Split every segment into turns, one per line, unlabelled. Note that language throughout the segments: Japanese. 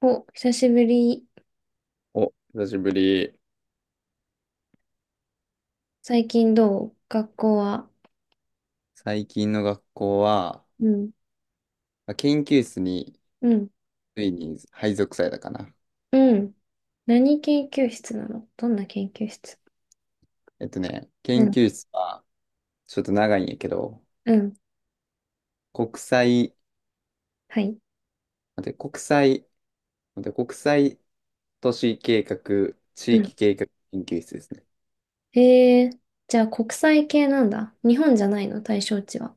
お、久しぶり。
お、久しぶり。
最近どう学校は。
最近の学校は、
うん。
まあ研究室に
うん。
ついに配属されたかな。
うん。何研究室なの、どんな研究室？う
研
ん。
究室はちょっと長いんやけど、
うん。
国際、
はい。
待って、国際、待って、国際都市計画、
う
地
ん。
域計画研究室ですね。
えー、じゃあ国際系なんだ。日本じゃないの、対象地は。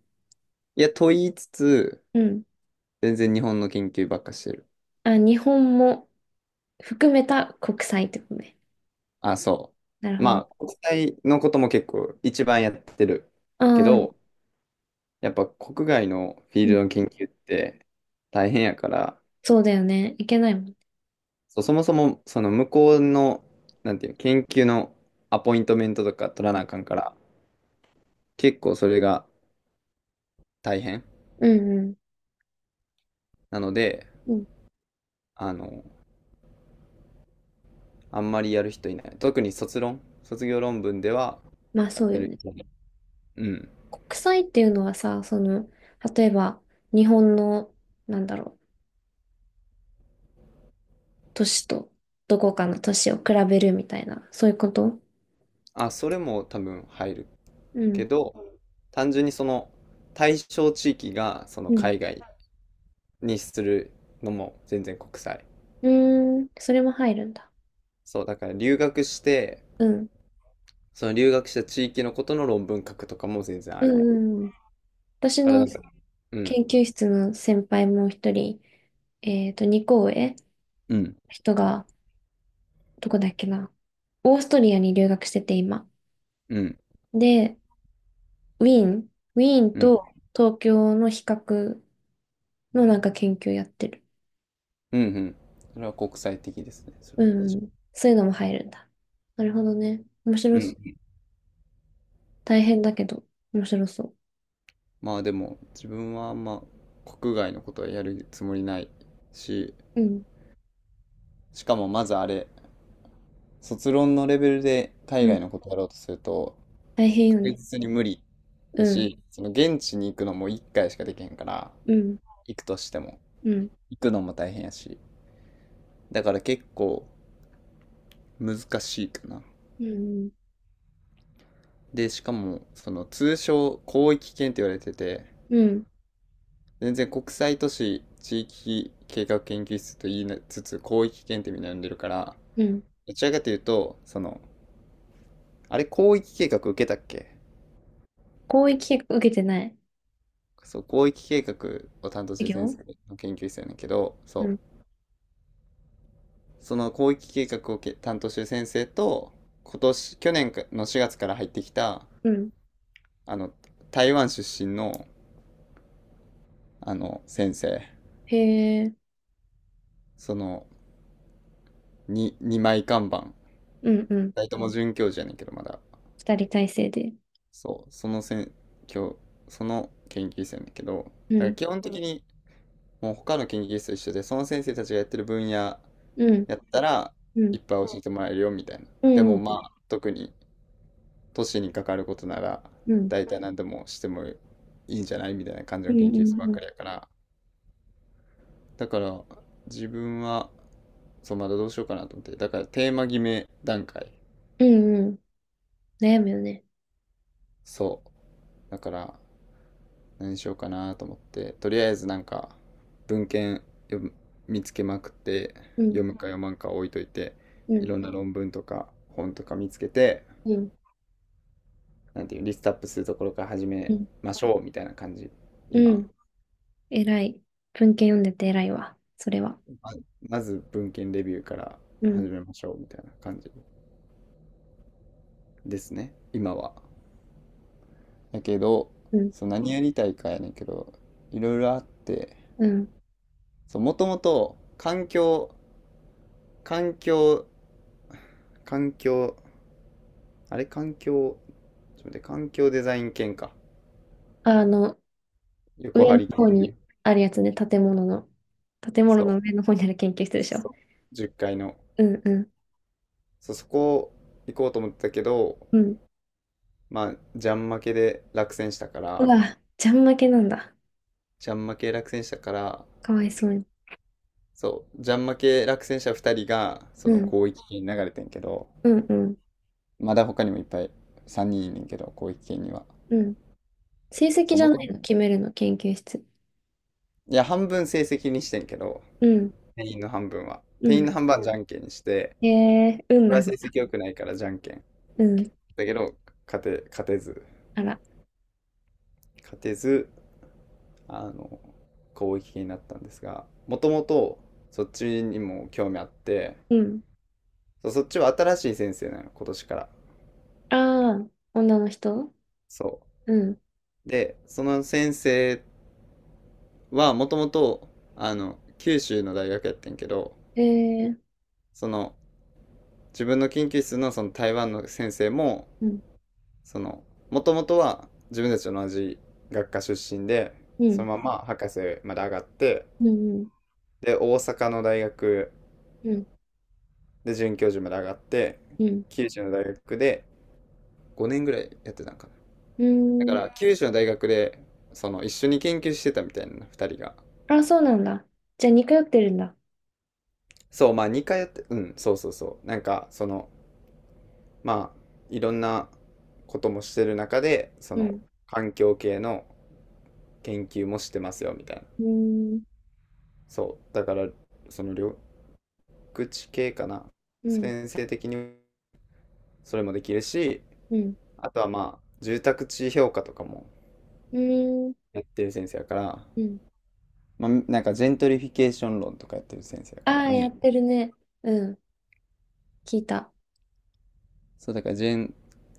いや、と言いつつ、
うん。
全然日本の研究ばっかしてる。
あ、日本も含めた国際ってことね。
あ、そ
なる
う。
ほ
まあ、
ど。
国際のことも結構一番やってる
あ
け
あ、
ど、やっぱ国外のフィー
う
ル
ん。
ドの研究って大変やから、
そうだよね。いけないもんね。
そう、そもそも、その向こうの、なんていうの、研究のアポイントメントとか取らなあかんから、結構それが大変
うんうん。
なので、
うん。
あの、あんまりやる人いない。特に卒論、卒業論文では
まあそう
や
よ
る
ね。
人いない。うん。
国際っていうのはさ、その、例えば日本の、なんだろう、都市とどこかの都市を比べるみたいな、そういうこと？
あ、それも多分入る
う
け
ん。
ど、単純にその対象地域がその
うん。
海外にするのも全然国際。
うーん、それも入るんだ。
そう、だから留学して、
うん。
その留学した地域のことの論文書くとかも全然
う
ある。
ん、うん。私
だからな
の
んか、うん。
研究室の先輩も一人、2校上、
うん、
人が、どこだっけな。オーストリアに留学してて、今。
うん、
で、ウィーン、ウィーン
うん、
と東京の比較のなんか研究やってる。
うん、うん。それは国際的ですね。そ
う
れは非
ん。そういうのも入るんだ。なるほどね。面白
常に。う
そう。
ん。
大変だけど、面白そ
まあでも、自分はあんま国外のことはやるつもりないし、
う。うん。
しかもまず卒論のレベルで
う
海
ん、
外のことやろうとすると、
大変よ
確
ね。
実に無理
う
だ
ん、
し、その現地に行くのも1回しかできへんから、
うん、
行くとしても、
うん、
行くのも大変やし、だから結構難しいかな。
うん、
で、しかも、その通称広域圏って言われてて、
うん、
全然国際都市地域計画研究室と言いなつつ広域検定みたいなの呼んでるから、
うん。
どちらかというとそのあれ広域計画受けたっけ。
広域結構受けてない
そう、広域計画を担当し
授
てる先生
業。
の研究室やねんけど、
う
そ
ん、
う、その広域計画を担当してる先生と、今年去年の4月から入ってきた、
うん。
あの台湾出身のあの先生、
へえ。
その 2, 二枚看板、
うん、うん。
大友准教授やねんけど、まだ
二人体制で。
そう、そのせん、今日、その研究室やねんだけど、
う
だから
ん、
基本的にもう他の研究室と一緒で、その先生たちがやってる分野や
うん、
ったら、
う
い
ん、
っぱい教えてもらえるよみたいな。
う
でも
ん、
まあ、特に都市に関わることなら、
うん、うん、
大体何でもしてもいいんじゃないみたいな感じ
う
の研究室
ん、
ば
う
っか
ん、
りやから。だから、自分は、そう、まだどうしようかなと思って。だから、テーマ決め段階。
うん。うん、悩むよね。
そう。だから、何しようかなと思って、とりあえずなんか文献読む見つけまくって、
うん、
読むか読まんか置いといて、
う
い
ん、
ろんな論文とか本とか見つけて、
うん、
なんていうリストアップするところから始
う
め
ん、
ましょうみたいな感じ、
う
今。
ん。偉い。文献読んでて偉いわ、それは。
ままず文献レビューから
うん、
始めましょうみたいな感じですね今は。やけど、
うん、
そう何やりたいかやねんけど、いろいろあって、
うん。
もともと環境環境環境あれ、環境、ちょっと待って、環境デザイン研か。
あの、
横
上
張
の
り系
方
ね。
にあるやつね。建物の。建物の
そう。
上の方にある研究室でしょ。
そう。10階の。
うん、うん、
そう、そこ行こうと思ってたけど、
うん。
まあ、ジャン負けで落選したか
う
ら、
わ、ちゃん負けなんだ。
ジャン負け落選したから、
かわいそうに。
そう、ジャン負け落選者2人が、そ
う
の
ん、
広域圏に流れてんけど、
うん、うん、
まだ他にもいっぱい3人いんねんけど、広域圏には。
うん。成績
そう、
じゃな
元々、
いの、決めるの、研究室。
いや、半分成績にしてんけど、
うん、
定員の半分は。
う
定員
ん。
の半分はじゃんけんにして、
へえ、運
これ
な
は
ん
成
だ。
績良くないからじゃんけん。
うん、
だけど、勝て、勝てず、
あら、
勝てず、あの、攻撃になったんですが、もともとそっちにも興味あって、
うん。
そっちは新しい先生なの、今年から。
ああ、女の人？
そ
うん。
う。で、その先生はもともと、九州の大学やってんけど、
へえ。
その、自分の研究室のその台湾の先生も、
うん、
その、もともとは自分たちと同じ学科出身で、
う
そ
ん、
のまま博士まで上がって、
うん、
で、大阪の大学
うん、
で、准教授まで上がって、
うん、うん。
九州の大学で5年ぐらいやってたんかな。
う
だか
ーん。
ら、九州の大学で、その、一緒に研究してたみたいな、2人が。
あ、そうなんだ。じゃあ、似通ってるんだ。
そう、まあ、2回やって、うん、そうそうそう。なんか、その、まあ、いろんなこともしてる中で、そ
う
の、
ん、
環境系の研究もしてますよ、みたいな。
うーん、
そう、だから、その、緑地系かな。
うん、
先生的にそれもできるし、
うん、
あとはまあ、住宅地評価とかも
うーん、
やってる先生やから、
うん。
まあ、なんかジェントリフィケーション論とかやってる先生だ
あ
から、
あ、
メイ
やって
ン。
るね。うん、聞いた。
そう、だから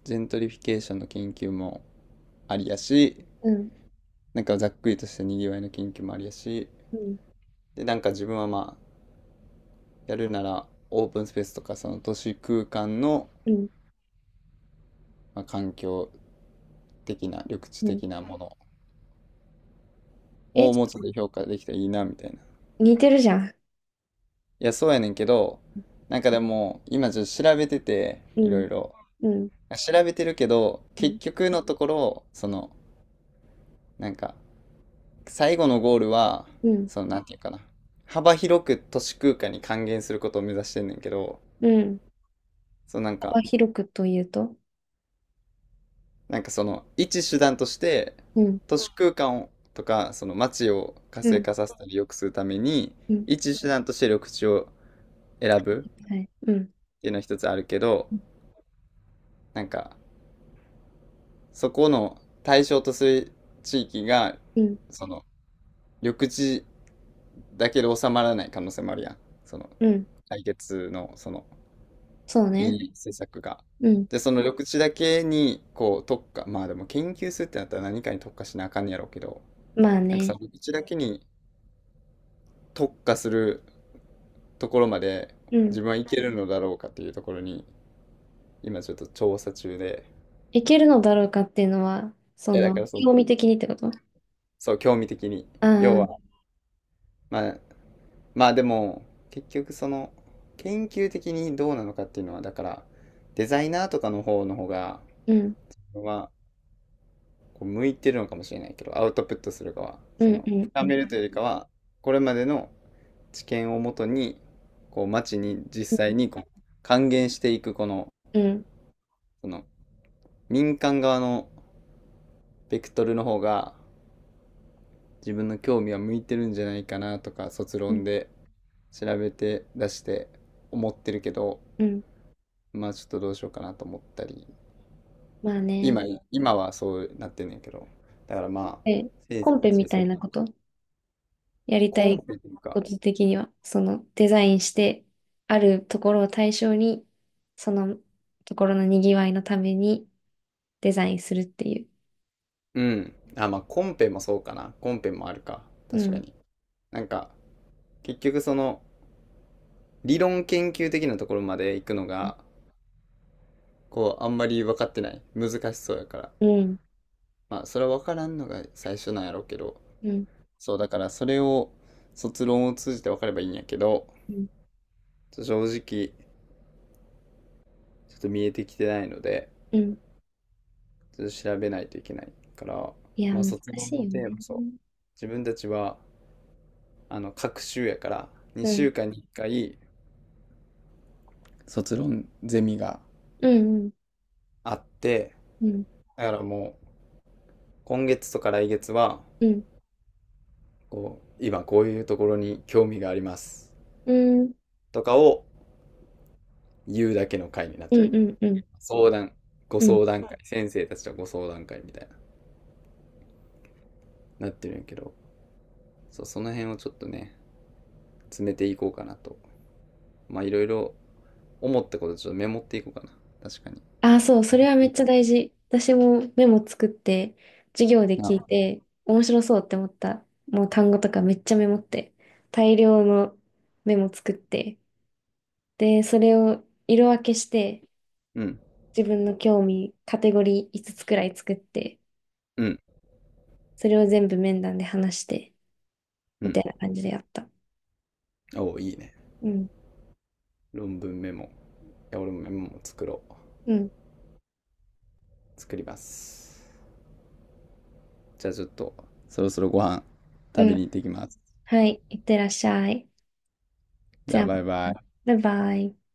ジェントリフィケーションの研究もありやし、
うん、
なんかざっくりとしたにぎわいの研究もありやし、
うん、
で、なんか自分はまあ、やるならオープンスペースとかその都市空間の、
うん、
まあ、環境的な、緑地
うん。
的なもの
え、
をもうちょっと評価できたらいいな、みたいな。い
似てるじゃん。
や、そうやねんけど、なんかでも、今ちょっと調べてて、
う
いろ
ん、
いろ。
うん、
調べてるけど、
う
結
ん、
局のところ、その、なんか、最後のゴールは、
うん、
その、なんていうかな。幅広く都市空間に還元することを目指してんねんけど、
うん。
そのなんか、
幅広くというと？
なんかその、一手段として、
うん、
都市空間をとか、その街を活
う
性
ん、
化させたり良くするために、
うん、
一手段として緑地を選ぶ
はい。うん、
っていうのは一つあるけど、なんか、そこの対象とする地域が、
うん、
その、緑地だけで収まらない可能性もあるやん。その、
うん。
来月の、その、
そう
い
ね。
い施策が。
うん、
で、その緑地だけに、こう、特化、まあでも研究するってなったら何かに特化しなあかんねやろうけど、
まあ
なんかさ、
ね、
緑地だけに特化するところまで
うん、
自分はいけるのだろうかっていうところに、今ちょっと調査中で、
いけるのだろうかっていうのは、そ
え、だ
の、
からその、
興味的にってこと？あ
そう、興味的に。
あ、う
要
ん、
は、まあ、まあでも、結局その、研究的にどうなのかっていうのは、だから、デザイナーとかの方の方が、
うん、
はこう向いてるのかもしれないけど、アウトプットする側、
う
そ
ん、
の
うん、う
深
ん、
めるというよりかは、これまでの知見をもとに、こう町に実際にこう還元していくこの、
うん、
その民間側のベクトルの方が自分の興味は向いてるんじゃないかな、とか卒論で調べて出して思ってるけど、
うん。
まあちょっとどうしようかなと思ったり、
まあね。
今今はそうなってんねんけど、だからまあ
え、
先生
コン
徒た
ペ
ち
み
に
た
そ
い
う、
なことやりた
コ
い
ンペというか、
こと的には、その、デザインして、あるところを対象に、そのところのにぎわいのために、デザインするっていう。
うん。あ、まあ、コンペもそうかな。コンペもあるか。
う
確か
ん。
に。なんか、結局その、理論研究的なところまで行くのが、こう、あんまり分かってない。難しそうやから。
うん。
まあ、それは分からんのが最初なんやろうけど。
うん。
そう、だからそれを、卒論を通じて分かればいいんやけど、
うん。
ちょっと正直、ちょっと見えてきてないので、
うん。
ちょっと調べないといけないから、
いや、
まあ、
難
卒
し
論
い
の
よ
テー
ね。
マ、そう。自分たちは、各週やから、
う
2週
ん。
間に1回、卒論ゼミが
うん。
あって、
うん。
だからもう今月とか来月は、
うん。
こう、今こういうところに興味があります
うん。
とかを言うだけの回になっ
う
ちゃう。
ん。うん。うん。
相談、ご
うん。
相談会、先生たちとご相談会みたいな、なってるんやけど、そう、その辺をちょっとね、詰めていこうかなと。まあいろいろ思ったことちょっとメモっていこうかな。確かに。
ああ、そう。それはめっちゃ大事。私もメモ作って、授業で聞い
あ、
て、面白そうって思った。もう単語とかめっちゃメモって、大量のメモ作って、で、それを色分けして、
うん、
自分の興味、カテゴリー5つくらい作って、
うん、
それを全部面談で話して、
う
みたい
ん。
な感じでやった。
おお、いいね。
うん、
論文メモ。いや、俺もメモも作ろう。
うん、
作ります。じゃあちょっと、そろそろご飯
う
食べ
ん。
に行ってきます。
はい、いってらっしゃい。
じ
じ
ゃ
ゃ
あ
あ、
バイバイ。
バイバイ。